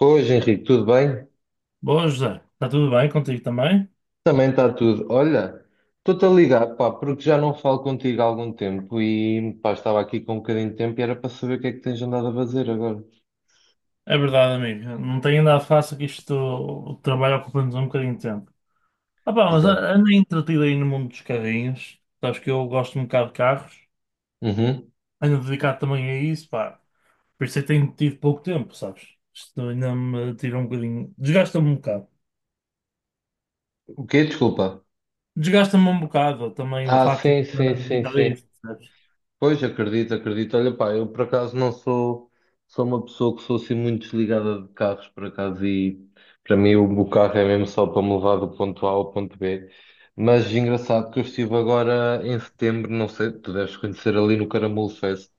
Hoje, Henrique, tudo bem? Boa, José. Está tudo bem contigo também? Também está tudo. Olha, estou-te a ligar, pá, porque já não falo contigo há algum tempo e, pá, estava aqui com um bocadinho de tempo e era para saber o que é que tens andado a fazer agora. É verdade, amigo. Não tenho andado fácil que isto, o trabalho ocupa-nos um bocadinho de tempo. Ah, pá, mas Exato. Ando entretido aí no mundo dos carrinhos. Sabes que eu gosto um bocado de carros. Uhum. Ando dedicado também a isso, pá. Por isso é que tenho tido pouco tempo, sabes? Isto ainda me tira um bocadinho. Desgasta-me um bocado. O quê? Desculpa. Desgasta-me um bocado também o Ah, facto de sim, sim, estar sim, dedicado a sim. isso, percebes? Pois, acredito, acredito. Olha, pá, eu por acaso não sou, sou uma pessoa que sou assim muito desligada de carros, por acaso. E para mim o carro é mesmo só para me levar do ponto A ao ponto B. Mas engraçado que eu estive agora em setembro, não sei, tu deves conhecer ali no Caramulo Fest.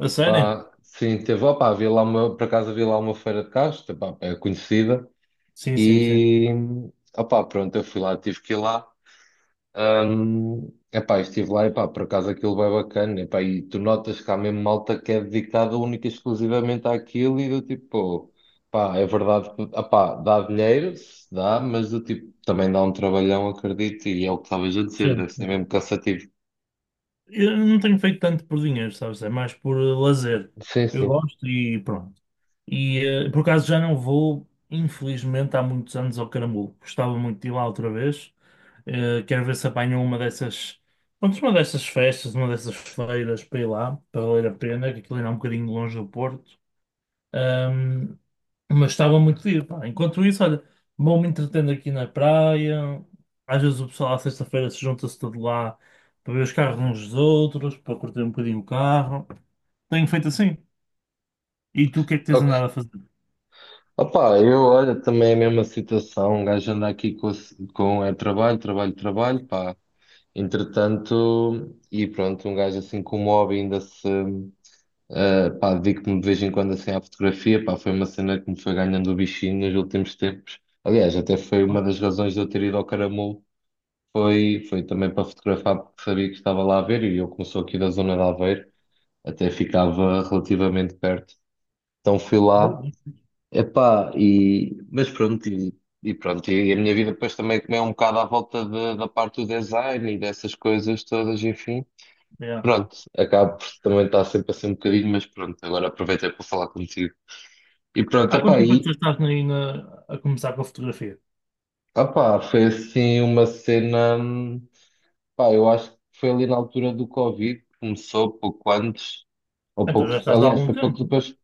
A sério? Pá, sim, teve, opá, por acaso havia lá uma feira de carros, tá, pá, é conhecida, Sim, sim, sim. e opá, pronto, eu fui lá, tive que ir lá. Epá, estive lá, epá, por acaso aquilo vai bacana, epá, e tu notas que há mesmo malta que é dedicada única e exclusivamente àquilo. E do tipo, pá, é verdade que, epá, dá dinheiro, se dá, mas do tipo, também dá um trabalhão, acredito, e é o que estavas a dizer, Sim. deve ser mesmo cansativo. Eu não tenho feito tanto por dinheiro, sabes? É mais por lazer. Sim, Eu sim. gosto e pronto. E por acaso já não vou, infelizmente, há muitos anos ao Caramulo. Gostava muito de ir lá outra vez. Quero ver se apanho uma dessas, pronto, uma dessas festas, uma dessas feiras para ir lá, para valer a pena, que aquilo ainda é um bocadinho longe do Porto. Ahm, mas estava muito giro, pá. Enquanto isso, olha, vou-me entretendo aqui na praia. Às vezes o pessoal à sexta-feira se junta-se todo lá para ver os carros uns dos outros, para curtir um bocadinho o carro. Tenho feito assim. E tu o que é que tens Ok. andado a fazer? Opá, eu olha, também é a mesma situação, um gajo anda aqui com, com é trabalho, trabalho, trabalho, pá. Entretanto, e pronto, um gajo assim com o hobby ainda se. Pá, dedico-me de vez em quando assim à fotografia, pá, foi uma cena que me foi ganhando o bichinho nos últimos tempos. Aliás, até foi uma das razões de eu ter ido ao Caramulo, foi também para fotografar, porque sabia que estava lá a ver, e eu como sou aqui da zona de Aveiro, até Nada. ficava relativamente perto. Então fui lá, epá, e, mas pronto, e pronto, e a minha vida depois também comeu um bocado à volta da parte do design e dessas coisas todas, enfim. Yeah. Pronto, acabo por também estar sempre assim um bocadinho, mas pronto, agora aproveitei para falar contigo. E pronto, Há quanto epá, tempo é que tu e, já estás aí a começar com a fotografia? opá, foi assim uma cena. Pá, eu acho que foi ali na altura do Covid, que começou pouco antes, ou Então pouco. já estás há Aliás, algum foi pouco tempo. depois.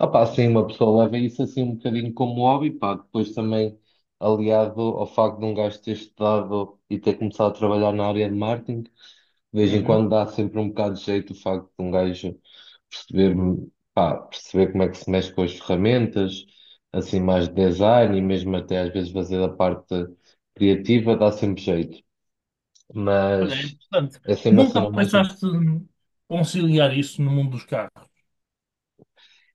Opá, assim, uma pessoa leva isso assim um bocadinho como hobby, pá, depois também aliado ao facto de um gajo ter estudado e ter começado a trabalhar na área de marketing. De vez em Uhum. quando dá sempre um bocado de jeito o facto de um gajo ver, pá, perceber como é que se mexe com as ferramentas, assim mais de design, e mesmo até às vezes fazer a parte criativa dá sempre jeito, Olha, é mas interessante. é sempre a Nunca cena mais. Pensaste em conciliar isso no mundo dos carros?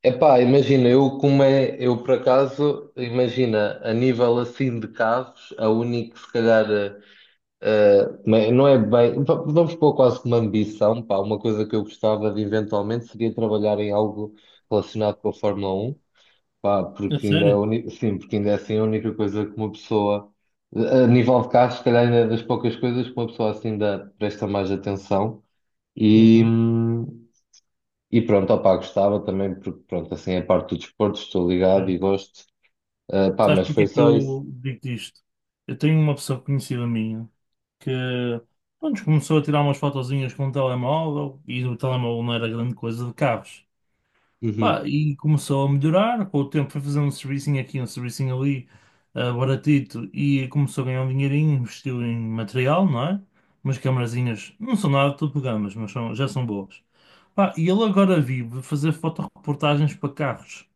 Epá, imagina, eu por acaso, imagina, a nível assim de carros, a única que se calhar, eh, não é bem, vamos pôr quase como ambição, pá, uma coisa que eu gostava de eventualmente seria trabalhar em algo relacionado com a Fórmula 1. Pá, É porque sério? Ainda é assim a única coisa que uma pessoa, a nível de carros, se calhar ainda é das poucas coisas que uma pessoa assim ainda presta mais atenção e, Uhum. hum, e pronto, opá, gostava também, porque pronto, assim é parte do desporto, estou ligado É. e gosto. Ah, pá, Sabes mas porque foi é que só isso. eu digo isto? Eu tenho uma pessoa conhecida minha que pronto, começou a tirar umas fotozinhas com o telemóvel e o telemóvel não era grande coisa de carros. Pá, Uhum. e começou a melhorar, com o tempo foi fazendo um servicinho aqui, um servicinho ali, ah, baratito, e começou a ganhar um dinheirinho, investiu em material, não é? Umas camarazinhas, não são nada de topo de gamas, mas são- já são boas. Pá, e ele agora vive fazer fotoreportagens para carros.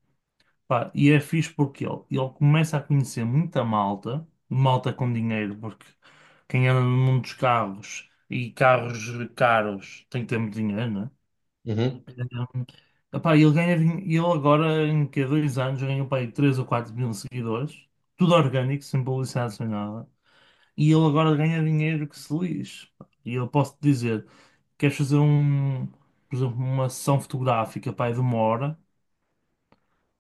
Pá, e é fixe porque ele começa a conhecer muita malta, malta com dinheiro, porque quem anda no mundo dos carros e carros caros tem que ter muito dinheiro, né? Uhum. Um, epá, ele ganha, ele agora em que 2 anos ganhou para aí 3 ou 4 mil seguidores, tudo orgânico, sem publicidade, sem nada, e ele agora ganha dinheiro que se lixe. Pá. E eu posso te dizer, queres fazer um, por exemplo, uma sessão fotográfica, pá, aí de 1 hora,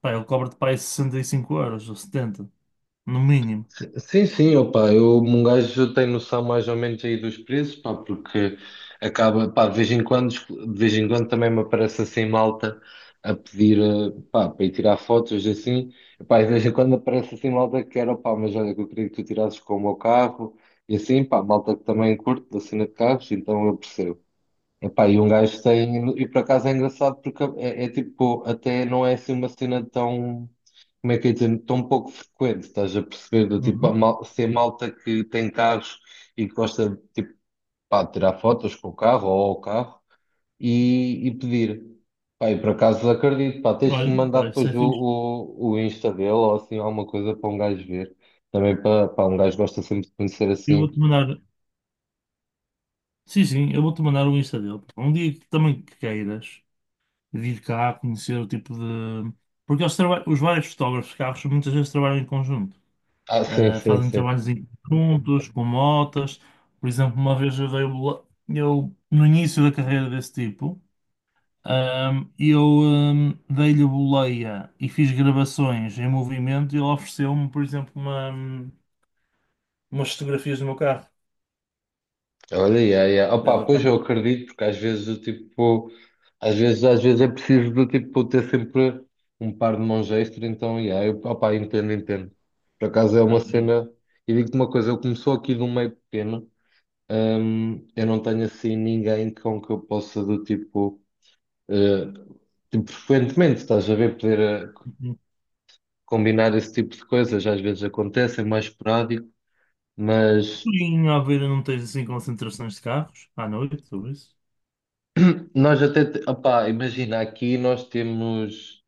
pá, ele cobra-te para aí 65 euros ou 70 no mínimo. Sim, sim, opa, eu, um gajo tem noção mais ou menos aí dos preços, pá, porque acaba, pá, de vez em quando também me aparece assim malta a pedir, pá, para ir tirar fotos assim, pá, e de vez em quando aparece assim malta que era, pá, mas olha, que eu queria que tu tirasses com o meu carro, e assim, pá, malta que também curte da cena de carros, então eu percebo. Epá, e um gajo tem. E por acaso é engraçado porque é tipo, até não é assim uma cena tão. Como é que é dizer? Tão pouco frequente, estás a perceber? Do tipo, Uhum. Se é malta que tem carros e que gosta de tipo, pá, de tirar fotos com o carro ou ao carro e pedir. Pá, e por acaso acredito, pá, tens que Olha, me mandar pá, isso depois é o, fixe. o, o Insta dele ou assim alguma coisa para um gajo ver. Também para, pá, um gajo gosta sempre de conhecer Eu assim. vou-te mandar. Sim, sim, eu vou-te mandar o Insta dele. Um dia que também que queiras vir cá conhecer o tipo de. Porque eles os vários fotógrafos de carros muitas vezes trabalham em conjunto. Ah, sim, Ah, sim, fazem sim. trabalhos em conjuntos, com motas. Por exemplo, uma vez eu, no início da carreira desse tipo, eu dei-lhe a boleia e fiz gravações em movimento e ele ofereceu-me, por exemplo, uma, umas fotografias do meu carro. Olha, yeah, yeah. Opa, pois eu Exatamente. acredito, porque às vezes é preciso do tipo ter sempre um par de mãos extra. Então yeah, eu, opa, entendo, entendo. Por acaso é Às uma vezes cena, e digo-te uma coisa, eu começou aqui de um meio pequeno, eu não tenho assim ninguém com que eu possa do tipo, eh, tipo, frequentemente, estás a ver, poder eh, um combinar esse tipo de coisas. Às vezes acontece, é mais esporádico, mas pouquinho, à beira não tens assim concentrações de carros à noite, tudo isso. Opá, imagina, aqui nós temos.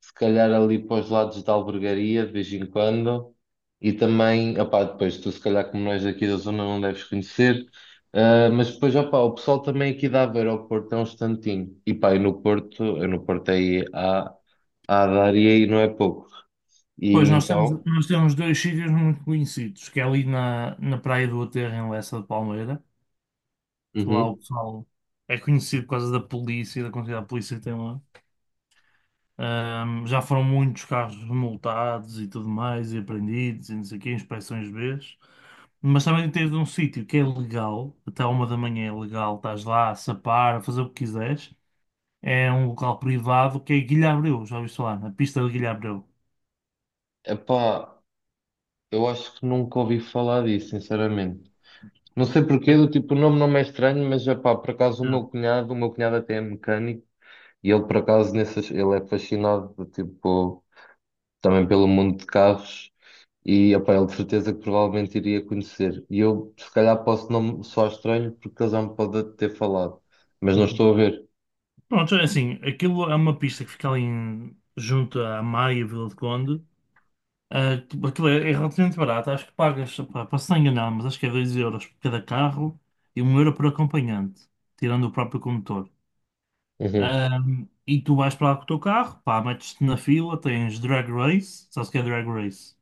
Se calhar ali para os lados da Albergaria, de vez em quando, e também, opá, depois tu se calhar como nós aqui da zona não deves conhecer. Ah, mas depois, opá, o pessoal também aqui da Aveiro ao Porto é um instantinho, e pá, e no Porto, eu no Porto aí há, há a dar e aí não é pouco, e Pois nós temos, então, nós temos dois sítios muito conhecidos, que é ali na, na Praia do Aterro, em Lessa de Palmeira, que lá o uhum. pessoal é conhecido por causa da polícia, e da quantidade de polícia que tem lá. Já foram muitos carros multados e tudo mais, e apreendidos, e não sei o quê, inspeções Bs. Mas também tens um sítio que é legal, até 1 da manhã é legal, estás lá a sapar, a fazer o que quiseres. É um local privado que é Guilha Abreu, já ouviste falar? A pista de Guilha Abreu. Epá, eu acho que nunca ouvi falar disso, sinceramente. Não sei porquê, do tipo, o nome não me é estranho, mas epá, por acaso Já. O meu cunhado até é mecânico. E ele, por acaso, nessas, ele é fascinado, tipo, também pelo mundo de carros. E, opá, ele de certeza que provavelmente iria conhecer. E eu, se calhar, posso não me soar estranho porque ele já me pode ter falado. Mas não Uhum. estou a ver. Pronto, é assim, aquilo é uma pista que fica ali junto à Maia e Vila de Conde. Ah, tipo, aquilo é relativamente barato, acho que pagas, pá, para se não enganar, mas acho que é 2 euros por cada carro e 1 euro por acompanhante, tirando o próprio condutor. Uhum. Ah, e tu vais para lá com o teu carro, pá, metes-te na fila, tens drag race, sabes o que é drag race?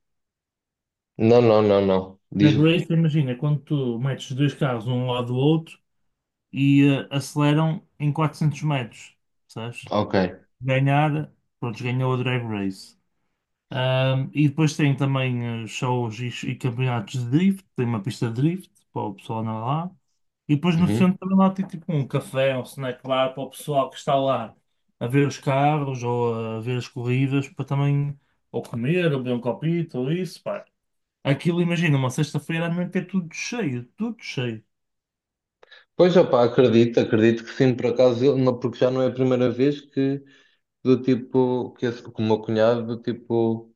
Não, não, não, não. Drag Diz-me. race, imagina, quando tu metes dois carros um ao lado do outro e aceleram em 400 metros, sabes? Ok. Ganhar, pronto, ganhou a Drag Race. E depois tem também shows e campeonatos de drift, tem uma pista de drift para o pessoal andar lá. E depois no Uhum. centro também lá tem tipo um café, um snack bar para o pessoal que está lá a ver os carros ou a ver as corridas para também ou comer, ou beber um copito, ou isso, pá. Aquilo, imagina, uma sexta-feira à noite é tudo cheio, tudo cheio. Pois, opá, acredito, acredito que sim, por acaso, porque já não é a primeira vez que do tipo, que, esse, que o meu cunhado, do tipo,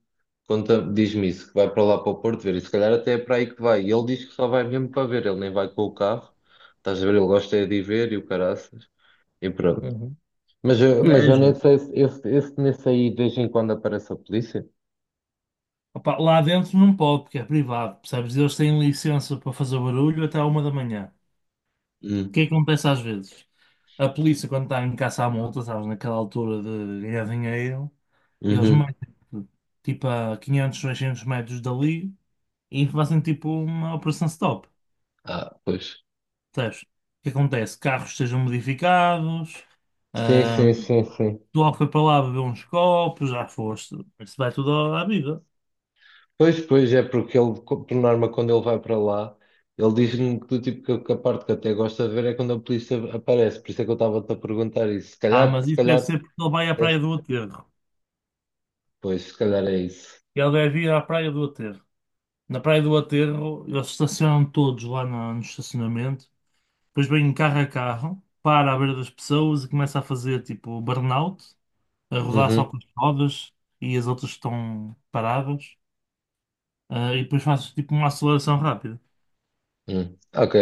conta, diz-me isso, que vai para lá para o Porto ver, e se calhar até é para aí que vai. E ele diz que só vai mesmo para ver, ele nem vai com o carro, estás a ver, ele gosta é de ir ver e o caraças, e pronto. Uhum. Mas eu, mas É eu nem giro. sei se esse nesse aí de vez em quando aparece a polícia. Opa, lá dentro não pode, porque é privado, percebes? Eles têm licença para fazer barulho até à 1 da manhã. O que Hum. é que acontece às vezes? A polícia, quando está em caça à multa, sabes, naquela altura de ganhar dinheiro, eles Uhum. metem tipo a 500, 600 metros dali e fazem tipo uma operação stop. Ah, pois. Percebes? O que acontece? Carros sejam modificados, Sim, ahm, sim, sim, sim. tu logo foi para lá beber uns copos, já foste, isso vai tudo à vida. Pois, pois, é porque ele, por norma, quando ele vai para lá, ele diz-me que a parte que até gosta de ver é quando a polícia aparece, por isso é que eu estava-te a perguntar isso. Se Ah, calhar, mas se isso deve calhar, ser porque ele vai à praia é- do Aterro. pois, se calhar é isso. E ele deve ir à Praia do Aterro. Na Praia do Aterro, eles estacionam todos lá no estacionamento. Depois vem um carro a carro, para à beira das pessoas e começa a fazer tipo burnout, a rodar só Uhum, com as rodas e as outras estão paradas. Ah, e depois faz tipo uma aceleração rápida. uhum. Ok.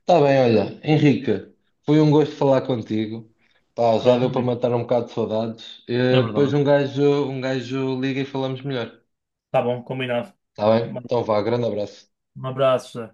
Está bem, olha, Henrique, foi um gosto falar contigo. Pá, já Pronto, deu para amigo. matar um bocado de saudades. É Eh, depois verdade. Um gajo liga e falamos melhor. Tá bom, combinado. Está bem? Então vá, grande abraço. Um abraço, Zé.